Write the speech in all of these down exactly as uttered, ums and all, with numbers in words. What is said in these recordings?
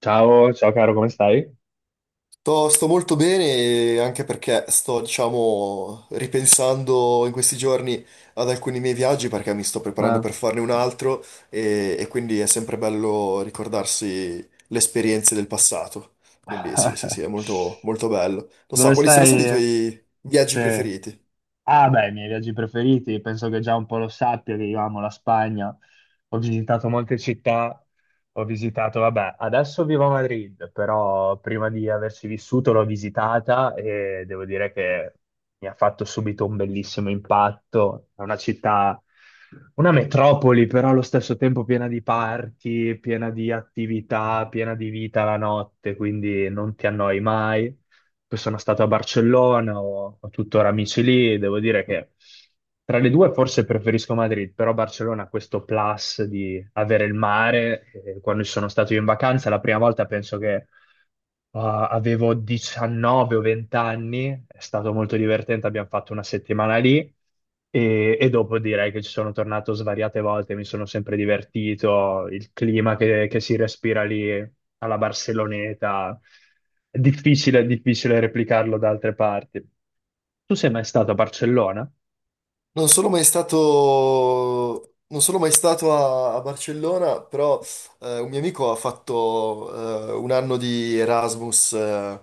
Ciao, ciao caro, come stai? Sto, sto molto bene anche perché sto, diciamo, ripensando in questi giorni ad alcuni miei viaggi perché mi sto preparando Ah. per farne un altro e, e quindi è sempre bello ricordarsi le esperienze del passato. Quindi sì, sì, sì, è molto, molto bello. Non so, Dove quali sono stati i stai? tuoi viaggi Sì. preferiti? Ah, beh, i miei viaggi preferiti, penso che già un po' lo sappia che io amo la Spagna. Ho visitato molte città, ho visitato, vabbè, adesso vivo a Madrid, però prima di averci vissuto l'ho visitata e devo dire che mi ha fatto subito un bellissimo impatto. È una città, una metropoli, però allo stesso tempo piena di party, piena di attività, piena di vita la notte, quindi non ti annoi mai. Poi sono stato a Barcellona, ho, ho tuttora amici lì, devo dire che tra le due forse preferisco Madrid, però Barcellona ha questo plus di avere il mare, e quando ci sono stato io in vacanza, la prima volta penso che Uh, avevo diciannove o venti anni, è stato molto divertente, abbiamo fatto una settimana lì e, e dopo direi che ci sono tornato svariate volte, mi sono sempre divertito, il clima che, che si respira lì alla Barceloneta, è difficile, è difficile replicarlo da altre parti. Tu sei mai stato a Barcellona? Non sono mai stato, non sono mai stato a, a Barcellona, però eh, un mio amico ha fatto eh, un anno di Erasmus, eh,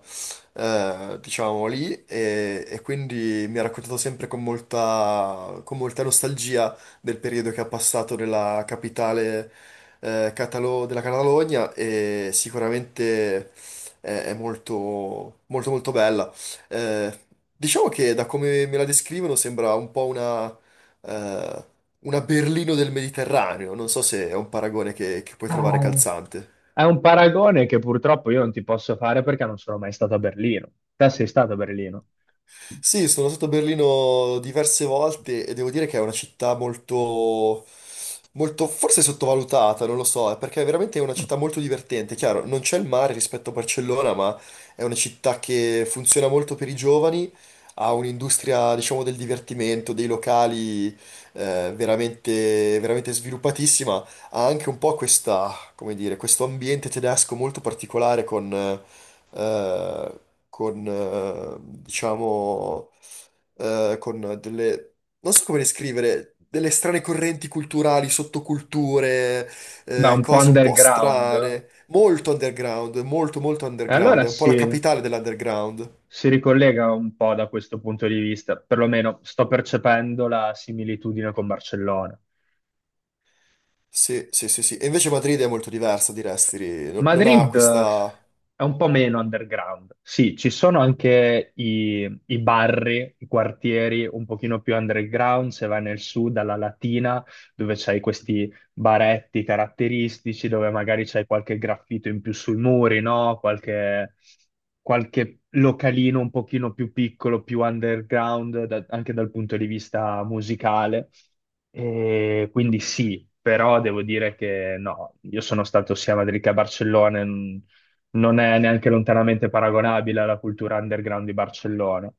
eh, diciamo lì, e, e quindi mi ha raccontato sempre con molta, con molta nostalgia del periodo che ha passato nella capitale eh, catalo- della Catalogna e sicuramente è, è molto, molto, molto bella. Eh, diciamo che da come me la descrivono sembra un po' una, eh, una Berlino del Mediterraneo, non so se è un paragone che che puoi trovare Ah, calzante. è un paragone che purtroppo io non ti posso fare perché non sono mai stato a Berlino. Te sei stato a Berlino? Sì, sono stato a Berlino diverse volte e devo dire che è una città molto, molto forse sottovalutata, non lo so, eh, perché è veramente una città molto divertente. Chiaro, non c'è il mare rispetto a Barcellona, ma è una città che funziona molto per i giovani, ha un'industria, diciamo, del divertimento, dei locali, eh, veramente, veramente sviluppatissima ha anche un po' questa, come dire, questo ambiente tedesco molto particolare con, eh, con eh, diciamo, eh, con delle, non so come descrivere, delle strane correnti culturali, sottoculture, Beh, eh, un po' cose un po' underground. strane, molto underground, molto molto E underground, allora è un po' si, la capitale dell'underground. si ricollega un po' da questo punto di vista, perlomeno sto percependo la similitudine con Barcellona. Sì, sì, sì, sì. E invece Madrid è molto diversa di Restri, no- non ha Madrid eh, questa. è un po' meno underground. Sì, ci sono anche i, i barri, i quartieri un pochino più underground, se vai nel sud, alla Latina, dove c'hai questi baretti caratteristici dove magari c'è qualche graffito in più sui muri, no? Qualche, qualche localino un pochino più piccolo, più underground, da- anche dal punto di vista musicale. E quindi sì, però devo dire che no, io sono stato sia a Madrid che a Barcellona, e non non è neanche lontanamente paragonabile alla cultura underground di Barcellona.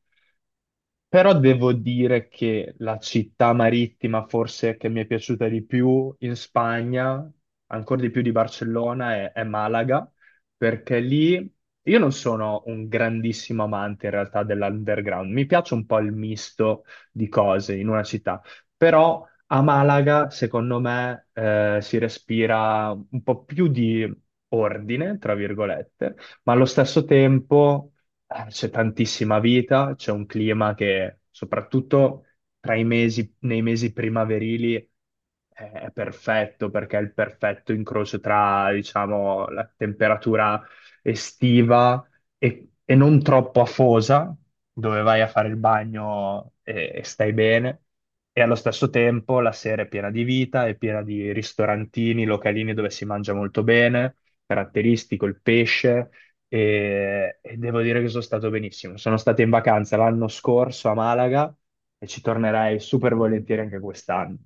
Però devo dire che la città marittima forse che mi è piaciuta di più in Spagna, ancora di più di Barcellona, è, è Malaga, perché lì io non sono un grandissimo amante in realtà dell'underground, mi piace un po' il misto di cose in una città, però a Malaga secondo me eh, si respira un po' più di ordine, tra virgolette, ma allo stesso tempo eh, c'è tantissima vita, c'è un clima che soprattutto tra i mesi, nei mesi primaverili è, è perfetto perché è il perfetto incrocio tra, diciamo, la temperatura estiva e, e non troppo afosa, dove vai a fare il bagno e, e stai bene. E allo stesso tempo la sera è piena di vita, è piena di ristorantini, localini dove si mangia molto bene, caratteristico, il pesce e, e devo dire che sono stato benissimo. Sono stato in vacanza l'anno scorso a Malaga e ci tornerai super volentieri anche quest'anno.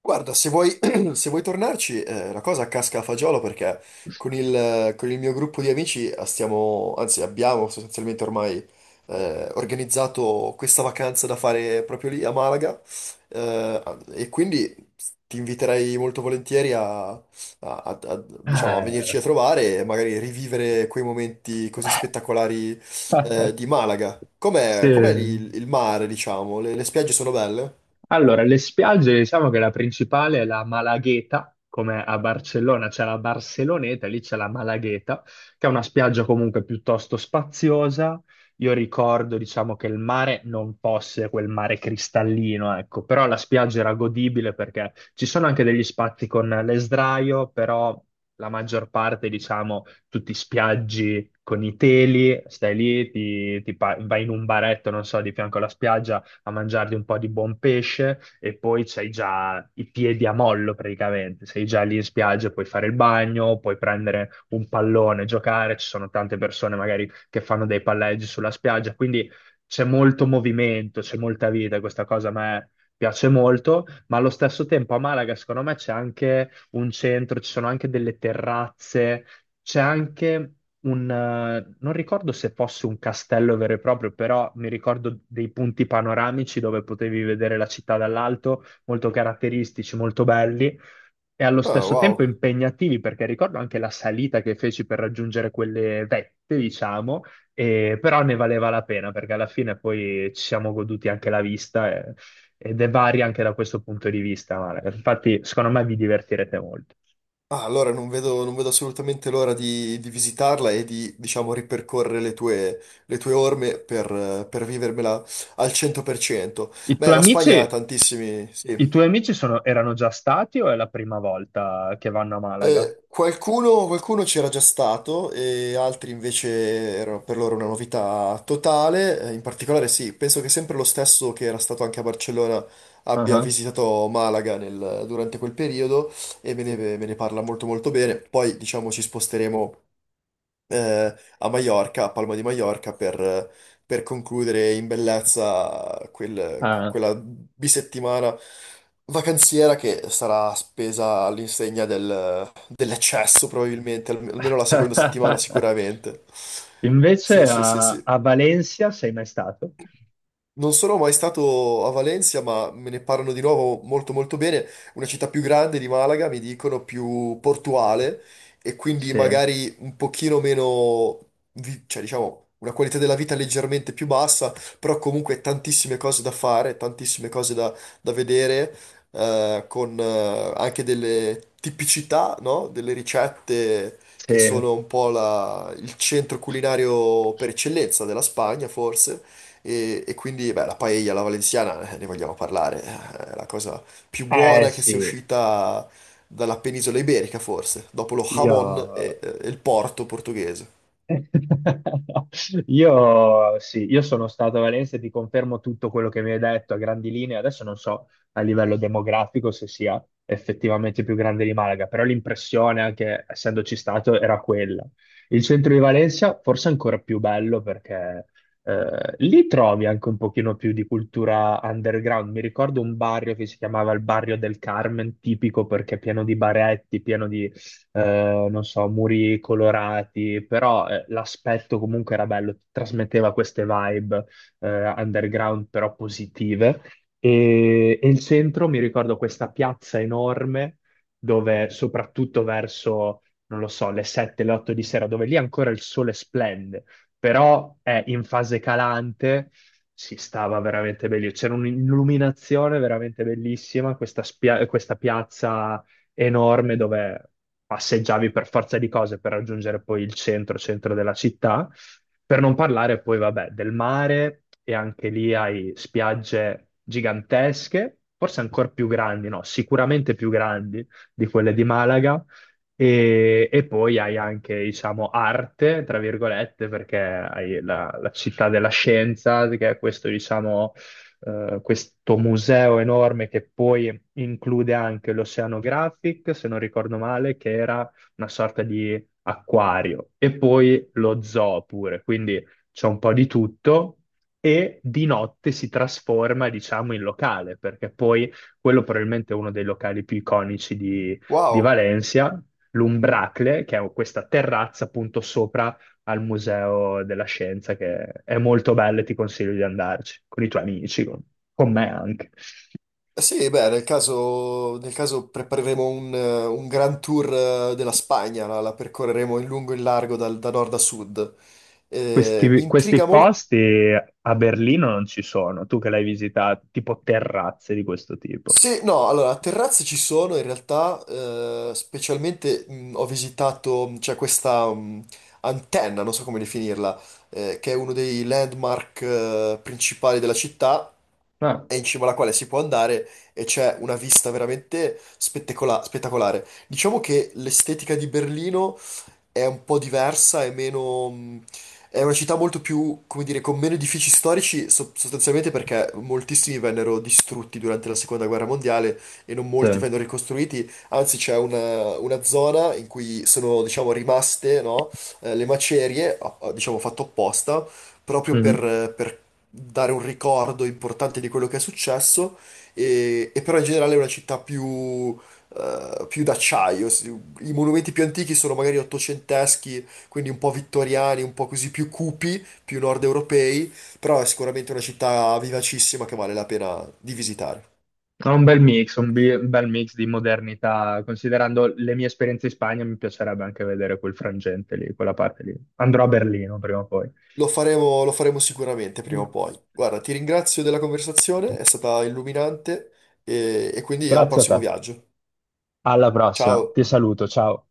Guarda, se vuoi, se vuoi tornarci, eh, la cosa casca a fagiolo perché con il, con il mio gruppo di amici eh, stiamo, anzi abbiamo sostanzialmente ormai eh, organizzato questa vacanza da fare proprio lì a Malaga eh, e quindi ti inviterei molto volentieri a, a- a- a- diciamo, a venirci Eh, a trovare e magari rivivere quei momenti così spettacolari eh, di Malaga. sì. Com'è, com'è lì il, il mare, diciamo? Le, le spiagge sono belle? Allora, le spiagge, diciamo che la principale è la Malagueta, come a Barcellona c'è la Barceloneta, lì c'è la Malagueta, che è una spiaggia comunque piuttosto spaziosa. Io ricordo, diciamo, che il mare non fosse quel mare cristallino, ecco, però la spiaggia era godibile perché ci sono anche degli spazi con le sdraio, però la maggior parte, diciamo, tutti spiaggi con i teli, stai lì, ti, ti pa- vai in un baretto, non so, di fianco alla spiaggia a mangiarti un po' di buon pesce e poi c'hai già i piedi a mollo praticamente, sei già lì in spiaggia, puoi fare il bagno, puoi prendere un pallone, giocare, ci sono tante persone magari che fanno dei palleggi sulla spiaggia, quindi c'è molto movimento, c'è molta vita, questa cosa a me piace molto, ma allo stesso tempo a Malaga secondo me c'è anche un centro, ci sono anche delle terrazze, c'è anche un, eh, non ricordo se fosse un castello vero e proprio, però mi ricordo dei punti panoramici dove potevi vedere la città dall'alto, molto caratteristici, molto belli e allo Ah, stesso tempo wow. impegnativi, perché ricordo anche la salita che feci per raggiungere quelle vette, diciamo, e- però ne valeva la pena perché alla fine poi ci siamo goduti anche la vista e- ed è varia anche da questo punto di vista, Mara. Infatti, secondo me vi divertirete molto. Ah, allora non vedo, non vedo assolutamente l'ora di, di visitarla e di, diciamo, ripercorrere le tue, le tue orme per, eh, per vivermela al cento per cento. I tuoi Beh, la Spagna ha amici. tantissimi, I sì. tuoi amici sono- erano già stati o è la prima volta che vanno a Malaga? Eh, qualcuno qualcuno c'era già stato e altri invece erano per loro una novità totale. Eh, in particolare, sì, penso che sempre lo stesso che era stato anche a Barcellona abbia Ah, visitato Malaga nel- durante quel periodo e me ne, me ne parla molto molto bene. Poi, diciamo, ci sposteremo eh, a Maiorca, a Palma di Maiorca, per, per concludere in bellezza quel- ah, quella bisettimana vacanziera che sarà spesa all'insegna del- dell'eccesso, probabilmente, alme- almeno la seconda settimana ah. sicuramente. Invece Sì, sì, sì, a, sì. a Valencia sei mai stato? Non sono mai stato a Valencia, ma me ne parlano di nuovo molto molto bene. Una città più grande di Malaga, mi dicono più portuale e quindi Sì, magari un pochino meno, vi- cioè diciamo, una qualità della vita leggermente più bassa, però comunque tantissime cose da fare, tantissime cose da, da vedere, eh, con eh, anche delle tipicità, no? Delle ricette sì. che sono un po' la- il centro culinario per eccellenza della Spagna, forse. E, e quindi, beh, la paella, la valenziana, eh, ne vogliamo parlare, eh, è la cosa più Eh buona che sia sì, uscita dalla penisola iberica, forse, dopo lo io jamon e, e il porto portoghese. Io sì, io sono stato a Valencia e ti confermo tutto quello che mi hai detto a grandi linee. Adesso non so a livello demografico se sia effettivamente più grande di Malaga, però l'impressione, anche essendoci stato, era quella. Il centro di Valencia forse è ancora più bello perché eh, lì trovi anche un pochino più di cultura underground. Mi ricordo un barrio che si chiamava il Barrio del Carmen, tipico perché pieno di baretti, pieno di eh, non so, muri colorati, però eh, l'aspetto comunque era bello, trasmetteva queste vibe eh, underground però positive. E, e il centro, mi ricordo questa piazza enorme dove soprattutto verso, non lo so, le sette, le otto di sera, dove lì ancora il sole splende, però è in fase calante, si stava veramente meglio. C'era un'illuminazione veramente bellissima, questa, spia- questa piazza enorme dove passeggiavi per forza di cose per raggiungere poi il centro, centro della città, per non parlare poi, vabbè, del mare e anche lì hai spiagge gigantesche, forse ancora più grandi, no, sicuramente più grandi di quelle di Malaga. E, e poi hai anche, diciamo, arte, tra virgolette, perché hai la, la città della scienza, che è questo, diciamo, eh, questo museo enorme che poi include anche l'Oceanographic, se non ricordo male, che era una sorta di acquario, e poi lo zoo pure, quindi c'è un po' di tutto. E di notte si trasforma, diciamo, in locale, perché poi quello probabilmente è uno dei locali più iconici di, di Wow. Valencia, l'Umbracle, che è questa terrazza appunto sopra al Museo della Scienza, che è molto bello e ti consiglio di andarci, con i tuoi amici, con, con me anche. Eh sì, beh, nel caso, nel caso prepareremo un, eh, un gran tour eh, della Spagna, la, la percorreremo in lungo e in largo dal- da nord a sud. Eh, mi Questi, questi intriga molto. posti a Berlino non ci sono, tu che l'hai visitato, tipo terrazze di questo tipo. Se, no, allora, terrazze ci sono in realtà, eh, specialmente mh, ho visitato, mh, c'è questa mh, antenna, non so come definirla, eh, che è uno dei landmark eh, principali della città, Ah, e in cima alla quale si può andare e c'è una vista veramente spettecola- spettacolare. Diciamo che l'estetica di Berlino è un po' diversa, è meno... mh, è una città molto più, come dire, con meno edifici storici, so- sostanzialmente perché moltissimi vennero distrutti durante la seconda guerra mondiale e non sì. molti vennero ricostruiti, anzi c'è una, una zona in cui sono, diciamo, rimaste, no, eh, le macerie, a- a- diciamo fatto apposta, proprio Mhm. per, per dare un ricordo importante di quello che è successo, e, e però in generale è una città più, eh, più d'acciaio. Si- I monumenti più antichi sono magari ottocenteschi, quindi un po' vittoriani, un po' così più cupi, più nord europei, però è sicuramente una città vivacissima che vale la pena di visitare. È un bel mix, un, bi- un bel mix di modernità. Considerando le mie esperienze in Spagna, mi piacerebbe anche vedere quel frangente lì, quella parte lì. Andrò a Berlino prima o poi. Lo faremo, lo faremo sicuramente prima o poi. Guarda, ti ringrazio della conversazione, è stata illuminante e e quindi al Grazie a prossimo te. viaggio. Alla prossima. Ciao! Ti saluto, ciao.